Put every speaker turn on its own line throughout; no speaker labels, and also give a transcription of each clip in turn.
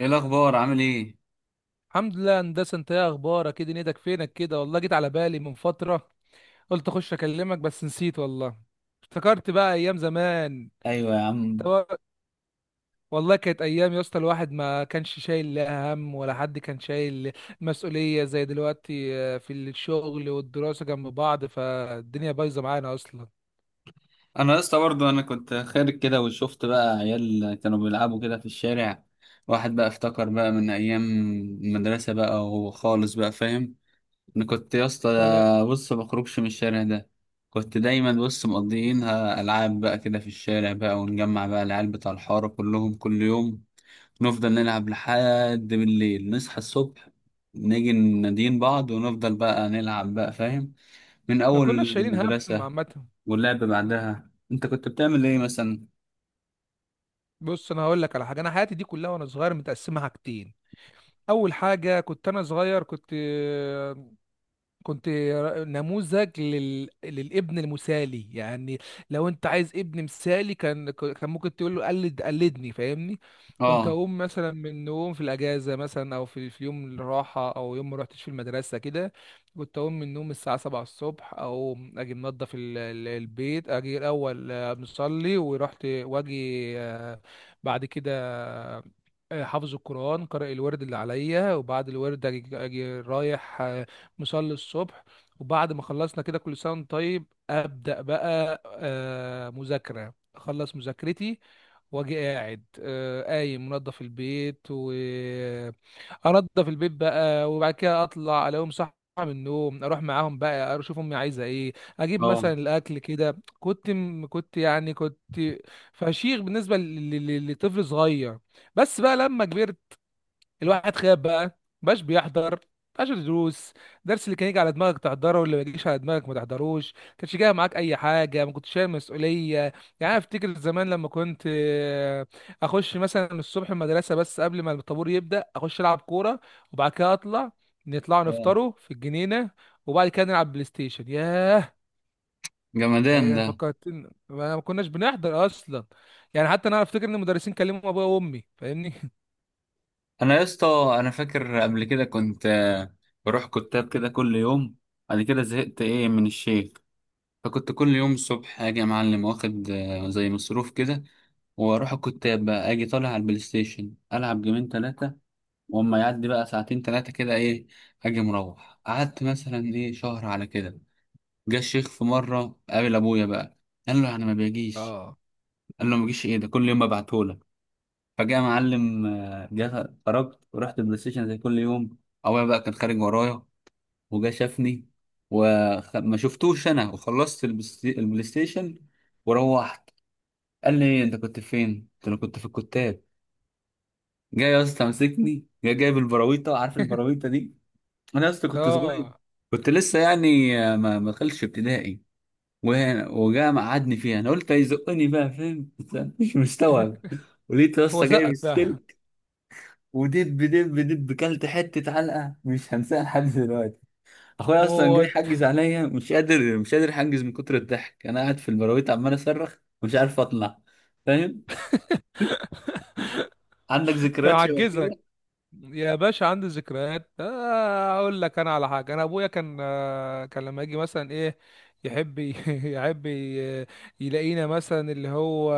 ايه الاخبار؟ عامل ايه؟
الحمد لله يا هندسه، انت ايه اخبارك؟ ايه دنيتك؟ فينك كده؟ والله جيت على بالي من فتره، قلت اخش اكلمك بس نسيت والله. افتكرت بقى ايام زمان.
ايوه يا عم.
طب- والله كانت ايام يا اسطى، الواحد ما كانش شايل لا هم ولا حد كان شايل مسؤوليه زي دلوقتي. في الشغل والدراسه جنب بعض، فالدنيا بايظه معانا اصلا.
انا يا اسطى برضه انا كنت خارج كده وشفت بقى عيال كانوا بيلعبوا كده في الشارع. واحد بقى افتكر بقى من ايام المدرسه بقى، وهو خالص بقى فاهم. انا كنت يا اسطى،
فانا
بص، ما بخرجش من الشارع ده. كنت دايما بص مقضيينها العاب بقى كده في الشارع بقى، ونجمع بقى العيال بتاع الحاره كلهم كل يوم. نفضل نلعب لحد بالليل، نصحى الصبح نيجي ننادين بعض ونفضل بقى نلعب بقى، فاهم؟ من
ما
أول
كناش شايلين هم
المدرسة
عامه.
واللعب بعدها، أنت كنت بتعمل إيه مثلا؟
بص، انا هقول لك على حاجه، انا حياتي دي كلها وانا صغير متقسمه حاجتين. اول حاجه كنت انا صغير، كنت نموذج للابن المثالي يعني. لو انت عايز ابن مثالي كان ممكن تقول له قلد، قلدني، فاهمني؟ كنت
آه.
اقوم مثلا من النوم في الاجازه مثلا او في يوم الراحه او يوم ما رحتش في المدرسه كده، كنت اقوم من النوم الساعه 7 الصبح او اجي منظف البيت، اجي الاول مصلي ورحت واجي، بعد كده حافظ القرآن، قارئ الورد اللي عليا، وبعد الورد أجي رايح، مصلي الصبح. وبعد ما خلصنا كده كل سنة وأنت طيب، أبدأ بقى مذاكرة، أخلص مذاكرتي واجي قاعد، قايم منظف البيت، و انضف البيت بقى. وبعد كده اطلع الاقيهم صح من النوم، اروح معاهم بقى اشوف امي عايزه ايه، اجيب
آه.
مثلا الاكل كده. كنت م- كنت يعني كنت فشيخ بالنسبه لطفل صغير. بس بقى لما كبرت، الواحد خاب بقى، مبقاش بيحضر مبقاش دروس. الدرس اللي كان يجي على دماغك تحضره، واللي ما يجيش على دماغك ما تحضروش. كانش جاي معاك اي حاجه، ما كنتش شايل مسؤوليه يعني. انا افتكر زمان لما كنت، اخش مثلا الصبح المدرسه، بس قبل ما الطابور يبدا اخش العب كوره، وبعد كده اطلع نطلع
آه.
نفطروا في الجنينه، وبعد كده نلعب بلاي ستيشن. ياه،
جمدان
يعني
ده.
فكرت ما كناش بنحضر اصلا. يعني حتى انا افتكر ان المدرسين كلموا ابويا وامي، فاهمني؟
أنا يا اسطى، أنا فاكر قبل كده كنت بروح كتاب كده كل يوم. بعد كده زهقت إيه من الشيخ، فكنت كل يوم الصبح أجي يا معلم واخد زي مصروف كده، وأروح الكتاب بقى، أجي طالع على البلاي ستيشن ألعب جيمين تلاتة. وأما يعدي بقى ساعتين تلاتة كده إيه، أجي مروح. قعدت مثلا إيه شهر على كده، جه الشيخ في مره قابل ابويا بقى، قال له انا ما بيجيش.
اه.
قال له ما بيجيش؟ ايه ده، كل يوم ببعتهولك. فجاء معلم جه، خرجت ورحت بلاي ستيشن زي كل يوم. ابويا بقى كان خارج ورايا، وجا شافني، وما شفتوش انا، وخلصت البلاي ستيشن وروحت. قال لي إيه، انت كنت فين؟ قلت له كنت في الكتاب. جاي يا اسطى مسكني، جاي جايب البراويطه، عارف البراويطه دي؟ انا يا اسطى كنت صغير،
اه.
كنت لسه يعني ما دخلتش ابتدائي. وهنا وجاء مقعدني فيها، انا قلت هيزقني بقى، فاهم؟ بس أنا مش مستوعب. ولقيت يا
هو
اسطى جايب
زقك بقى؟
السلك، ودب دب دب، كلت حته علقه مش هنساها لحد دلوقتي. اخويا
ما
اصلا جاي
هو
يحجز عليا، مش قادر، مش قادر احجز من كتر الضحك، انا قاعد في البراويت عمال اصرخ ومش عارف اطلع، فاهم؟ عندك ذكريات شبه
هعجزك
كده؟
يا باشا. عندي ذكريات، اقول لك انا على حاجه. انا ابويا كان، كان لما يجي مثلا ايه، يحب ي- يحب ي- يلاقينا مثلا اللي هو،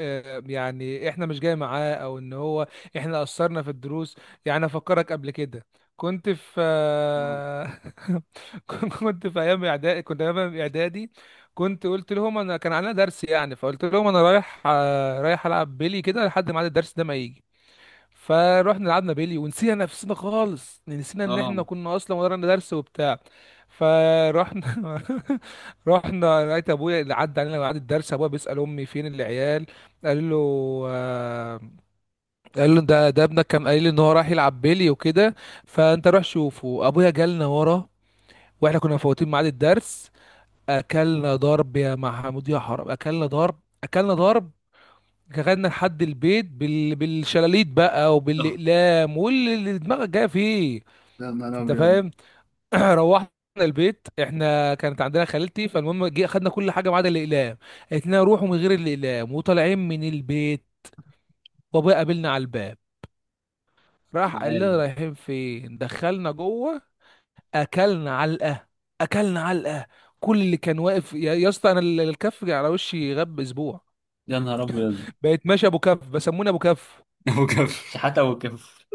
يعني احنا مش جاي معاه، او ان هو احنا اثرنا في الدروس. يعني افكرك قبل كده، كنت في،
آه.
كنت في ايام اعدادي، كنت ايام اعدادي كنت قلت لهم انا كان علينا درس، يعني فقلت لهم انا رايح، رايح العب بيلي كده لحد ما عاد الدرس ده ما يجي. فروحنا لعبنا بيلي ونسينا نفسنا خالص، نسينا ان احنا
اه.
كنا اصلا ورانا درس وبتاع. فروحنا رحنا، لقيت ابويا اللي عدى علينا بعد الدرس. ابويا بيسال امي فين العيال، قال له، آه، قال له ده ابنك كان قايل لي ان هو راح يلعب بيلي وكده، فانت روح شوفه. ابويا جالنا ورا واحنا كنا مفوتين ميعاد الدرس. اكلنا ضرب يا محمود يا حرام، اكلنا ضرب اكلنا ضرب. خدنا لحد البيت بالشلاليت بقى
آه.
وبالاقلام واللي دماغك جايه فيه.
يا نهار
انت
أبيض.
فاهم؟ روحنا البيت، احنا كانت عندنا خالتي، فالمهم جه خدنا كل حاجه ما عدا الاقلام، قالت لنا روحوا من غير الاقلام. وطالعين من البيت، بابا قابلنا على الباب، راح قال لنا
تعالى.
رايحين فين؟ دخلنا جوه، اكلنا علقه اكلنا علقه. كل اللي كان واقف يا اسطى، انا الكف على وشي غاب اسبوع.
يا نهار ابيض.
بقيت ماشي ابو كف، بسموني ابو كف،
ابو كف، شحات ابو كف.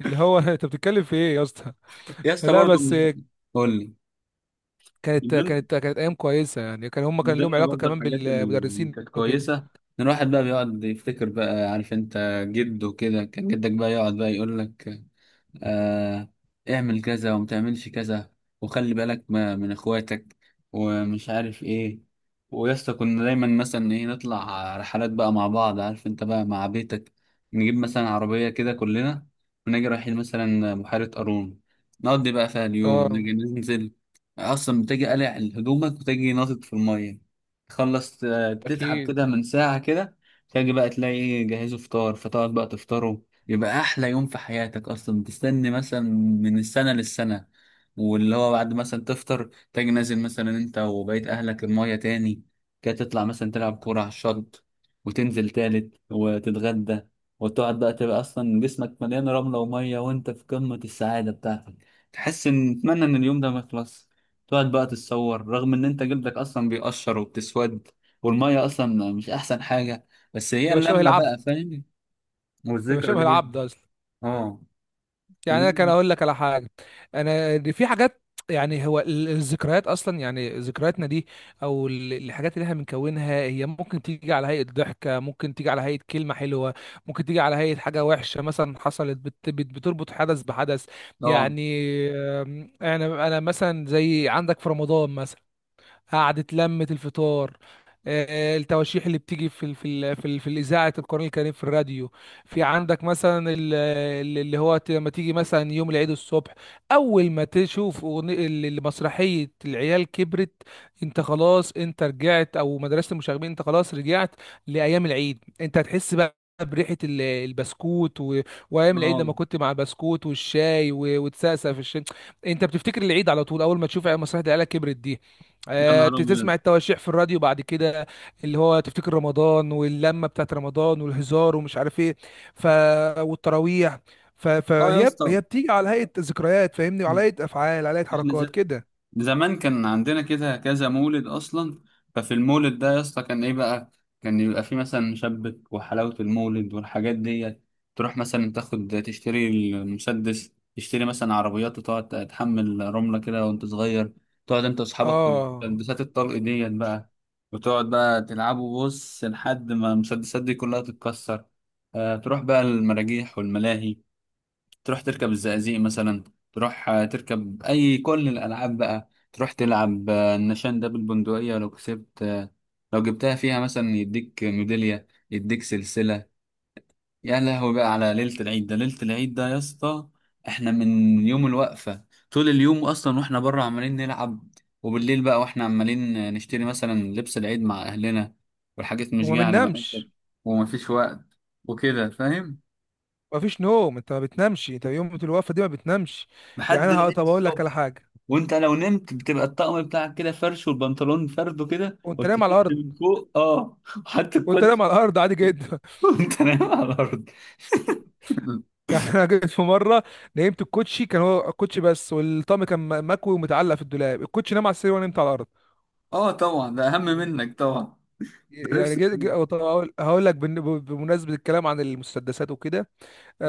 اللي هو انت بتتكلم في ايه يا اسطى؟
يا اسطى
لا
برضه
بس
قول
كانت
لي،
كانت كانت ايام كويسه يعني، كان هم
من
كان
ضمن
لهم علاقه
برضه
كمان
الحاجات اللي
بالمدرسين
كانت
وكده.
كويسة، إن الواحد بقى بيقعد يفتكر بقى، عارف أنت، جده كده كان، جدك بقى يقعد بقى يقول لك آه اعمل كذا وما تعملش كذا، وخلي بالك ما من اخواتك، ومش عارف ايه. ويسطا كنا دايما مثلا ايه، نطلع رحلات بقى مع بعض، عارف انت بقى، مع بيتك. نجيب مثلا عربية كده كلنا ونجي رايحين مثلا بحيرة قارون، نقضي بقى فيها اليوم،
اه،
نجي ننزل اصلا، بتجي قلع هدومك وتجي ناطط في المية. تخلص تتعب
اكيد.
كده من ساعة كده، تجي بقى تلاقي إيه، جهزوا فطار، فتقعد بقى تفطروا. يبقى احلى يوم في حياتك، اصلا تستنى مثلا من السنه للسنه. واللي هو بعد مثلا تفطر تاجي نازل مثلا انت وبقيت اهلك المايه تاني، كده تطلع مثلا تلعب كوره على الشط، وتنزل تالت وتتغدى، وتقعد بقى تبقى اصلا جسمك مليان رمله وميه، وانت في قمه السعاده بتاعتك. تحس ان تتمنى ان اليوم ده ما يخلص. تقعد بقى تتصور رغم ان انت جلدك اصلا بيقشر وبتسود، والميه اصلا مش احسن حاجه، بس هي
تبقى شبه
اللمه
العبد،
بقى، فاهم؟
تبقى شبه
والذكرى دي.
العبد اصلا.
اه.
يعني انا كان
ال-
اقول لك على حاجه، انا دي في حاجات. يعني هو الذكريات اصلا، يعني ذكرياتنا دي او الحاجات اللي احنا بنكونها، هي ممكن تيجي على هيئه ضحكه، ممكن تيجي على هيئه كلمه حلوه، ممكن تيجي على هيئه حاجه وحشه مثلا حصلت، بت بت بتربط حدث بحدث
اه.
يعني. انا مثلا زي عندك في رمضان مثلا، قعدة لمة الفطار، التواشيح اللي بتيجي في الاذاعه، القران الكريم في الراديو. في عندك مثلا اللي هو لما تيجي مثلا يوم العيد الصبح، اول ما تشوف مسرحيه العيال كبرت، انت خلاص انت رجعت، او مدرسه المشاغبين انت خلاص رجعت لايام العيد. انت هتحس بقى بريحة البسكوت وأيام العيد
اه.
لما كنت مع البسكوت والشاي وتسقسق في الشن. انت بتفتكر العيد على طول، اول ما تشوف مسرحيه العيله كبرت دي،
يا نهار ابيض.
تسمع التواشيح في الراديو بعد كده، اللي هو تفتكر رمضان واللمه بتاعت رمضان والهزار ومش عارف ايه. ف والتراويح.
اه يا
فهي
اسطى،
هي بتيجي على هيئه ذكريات فاهمني، وعلى هيئه افعال، على هيئه
احنا
حركات
زي
كده.
زمان كان عندنا كده كذا مولد اصلا. ففي المولد ده يا اسطى كان ايه بقى، كان يبقى فيه مثلا شبك وحلاوة المولد والحاجات ديت. تروح مثلا تاخد تشتري المسدس، تشتري مثلا عربيات، وتقعد تحمل رملة كده وانت صغير. تقعد انت واصحابك في
اه،
المسدسات الطلق ديت بقى، وتقعد بقى تلعبوا بص لحد ما المسدسات دي كلها تتكسر. آه، تروح بقى المراجيح والملاهي، تروح تركب الزقازيق مثلا، تروح تركب اي كل الالعاب بقى، تروح تلعب النشان ده بالبندقية. لو كسبت لو جبتها فيها مثلا، يديك ميدالية، يديك سلسلة. يا لهوي بقى على ليلة العيد ده، ليلة العيد ده يا اسطى، احنا من يوم الوقفة طول اليوم اصلا واحنا بره عمالين نلعب. وبالليل بقى واحنا عمالين نشتري مثلا لبس العيد مع اهلنا، والحاجات مش
وما
جايه على مقاسك،
بننامش،
ومفيش وقت، وكده، فاهم؟
ما فيش نوم، انت ما بتنامش انت يوم الوقفه دي ما بتنامش. يعني
لحد العيد
طب اقول لك على
الصبح.
حاجه.
وانت لو نمت بتبقى الطقم بتاعك كده فرش، والبنطلون فرده كده،
وانت نايم على
والتيشيرت
الارض،
من فوق، اه، حط
وانت نايم
الكوتش.
على الارض عادي جدا.
وانت نايم على الارض.
يعني انا جيت في مره، نمت الكوتشي كان هو الكوتشي بس، والطقم كان مكوي ومتعلق في الدولاب. الكوتشي نام على السرير وانا نمت على الارض.
اه طبعا، ده اهم منك طبعا. ده
يعني
لبس
جيت جي-
بعيد.
أو- هقول هقول لك بمناسبة الكلام عن المسدسات وكده،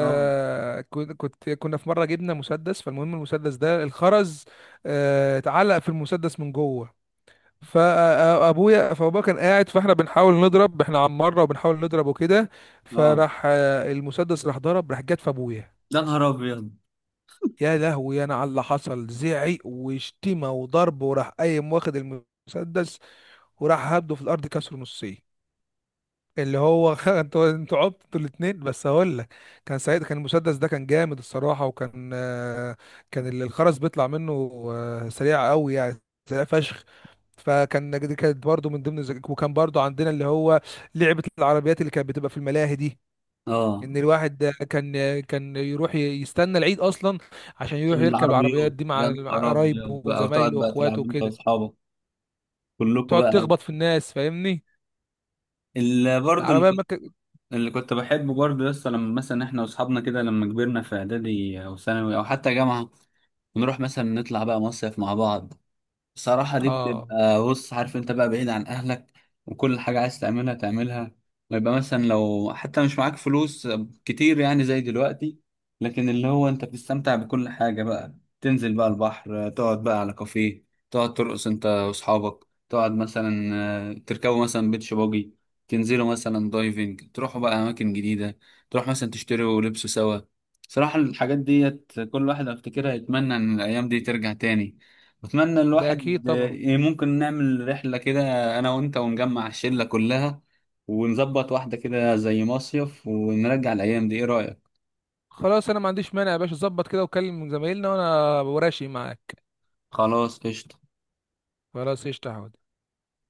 اه.
كن- كنت كنا في مرة جبنا مسدس، فالمهم المسدس ده الخرز آه اتعلق في المسدس من جوه. فابويا كان قاعد، فاحنا بنحاول نضرب احنا عن مره وبنحاول نضرب وكده،
اه.
فراح المسدس راح ضرب، راح جت في ابويا.
ده نهار ابيض.
يا لهوي انا على اللي حصل، زعق وشتيمه وضرب، وراح قايم واخد المسدس وراح هبده في الارض كسره نصين، اللي هو انتوا انتوا عبتوا انتوا الاثنين. بس هقول لك، كان سعيد، كان المسدس ده كان جامد الصراحه، وكان، كان الخرز بيطلع منه، سريع قوي يعني، سريع فشخ. فكان دي كانت برضه من ضمن وكان برضه عندنا اللي هو لعبه العربيات اللي كانت بتبقى في الملاهي دي،
اه،
ان الواحد كان يروح يستنى العيد اصلا عشان
عشان
يروح يركب
العربيات
العربيات دي
يا
مع
نهار ابيض
قرايبه
بقى، وتقعد
وزمايله
بقى
واخواته
تلعب انت
وكده.
واصحابك كلكم
تقعد
بقى.
تخبط في الناس، فاهمني؟
اللي برضه اللي
العربيه ما
كنت
كان-.
اللي كنت بحبه برضه لسه، لما مثلا احنا واصحابنا كده لما كبرنا في اعدادي او ثانوي او حتى جامعه، ونروح مثلا نطلع بقى مصيف مع بعض. صراحة دي
اه،
بتبقى بص، عارف انت بقى بعيد عن اهلك، وكل حاجة عايز تعملها تعملها. ويبقى مثلا لو حتى مش معاك فلوس كتير يعني زي دلوقتي، لكن اللي هو انت بتستمتع بكل حاجة بقى. تنزل بقى البحر، تقعد بقى على كافيه، تقعد ترقص انت واصحابك، تقعد مثلا تركبوا مثلا بيتش باجي، تنزلوا مثلا دايفنج، تروحوا بقى اماكن جديدة، تروح مثلا تشتروا لبس سوا. صراحة الحاجات ديت كل واحد افتكرها يتمنى ان الايام دي ترجع تاني. بتمنى
ده اكيد
الواحد
طبعا.
ممكن نعمل رحلة كده، أنا وأنت، ونجمع الشلة كلها، ونظبط واحدة كده زي مصيف، ونرجع الأيام دي. إيه رأيك؟
خلاص، انا ما عنديش مانع يا باشا، ظبط كده وكلم زمايلنا وانا وراشي معاك.
خلاص قشطة.
خلاص قشطة يا حود.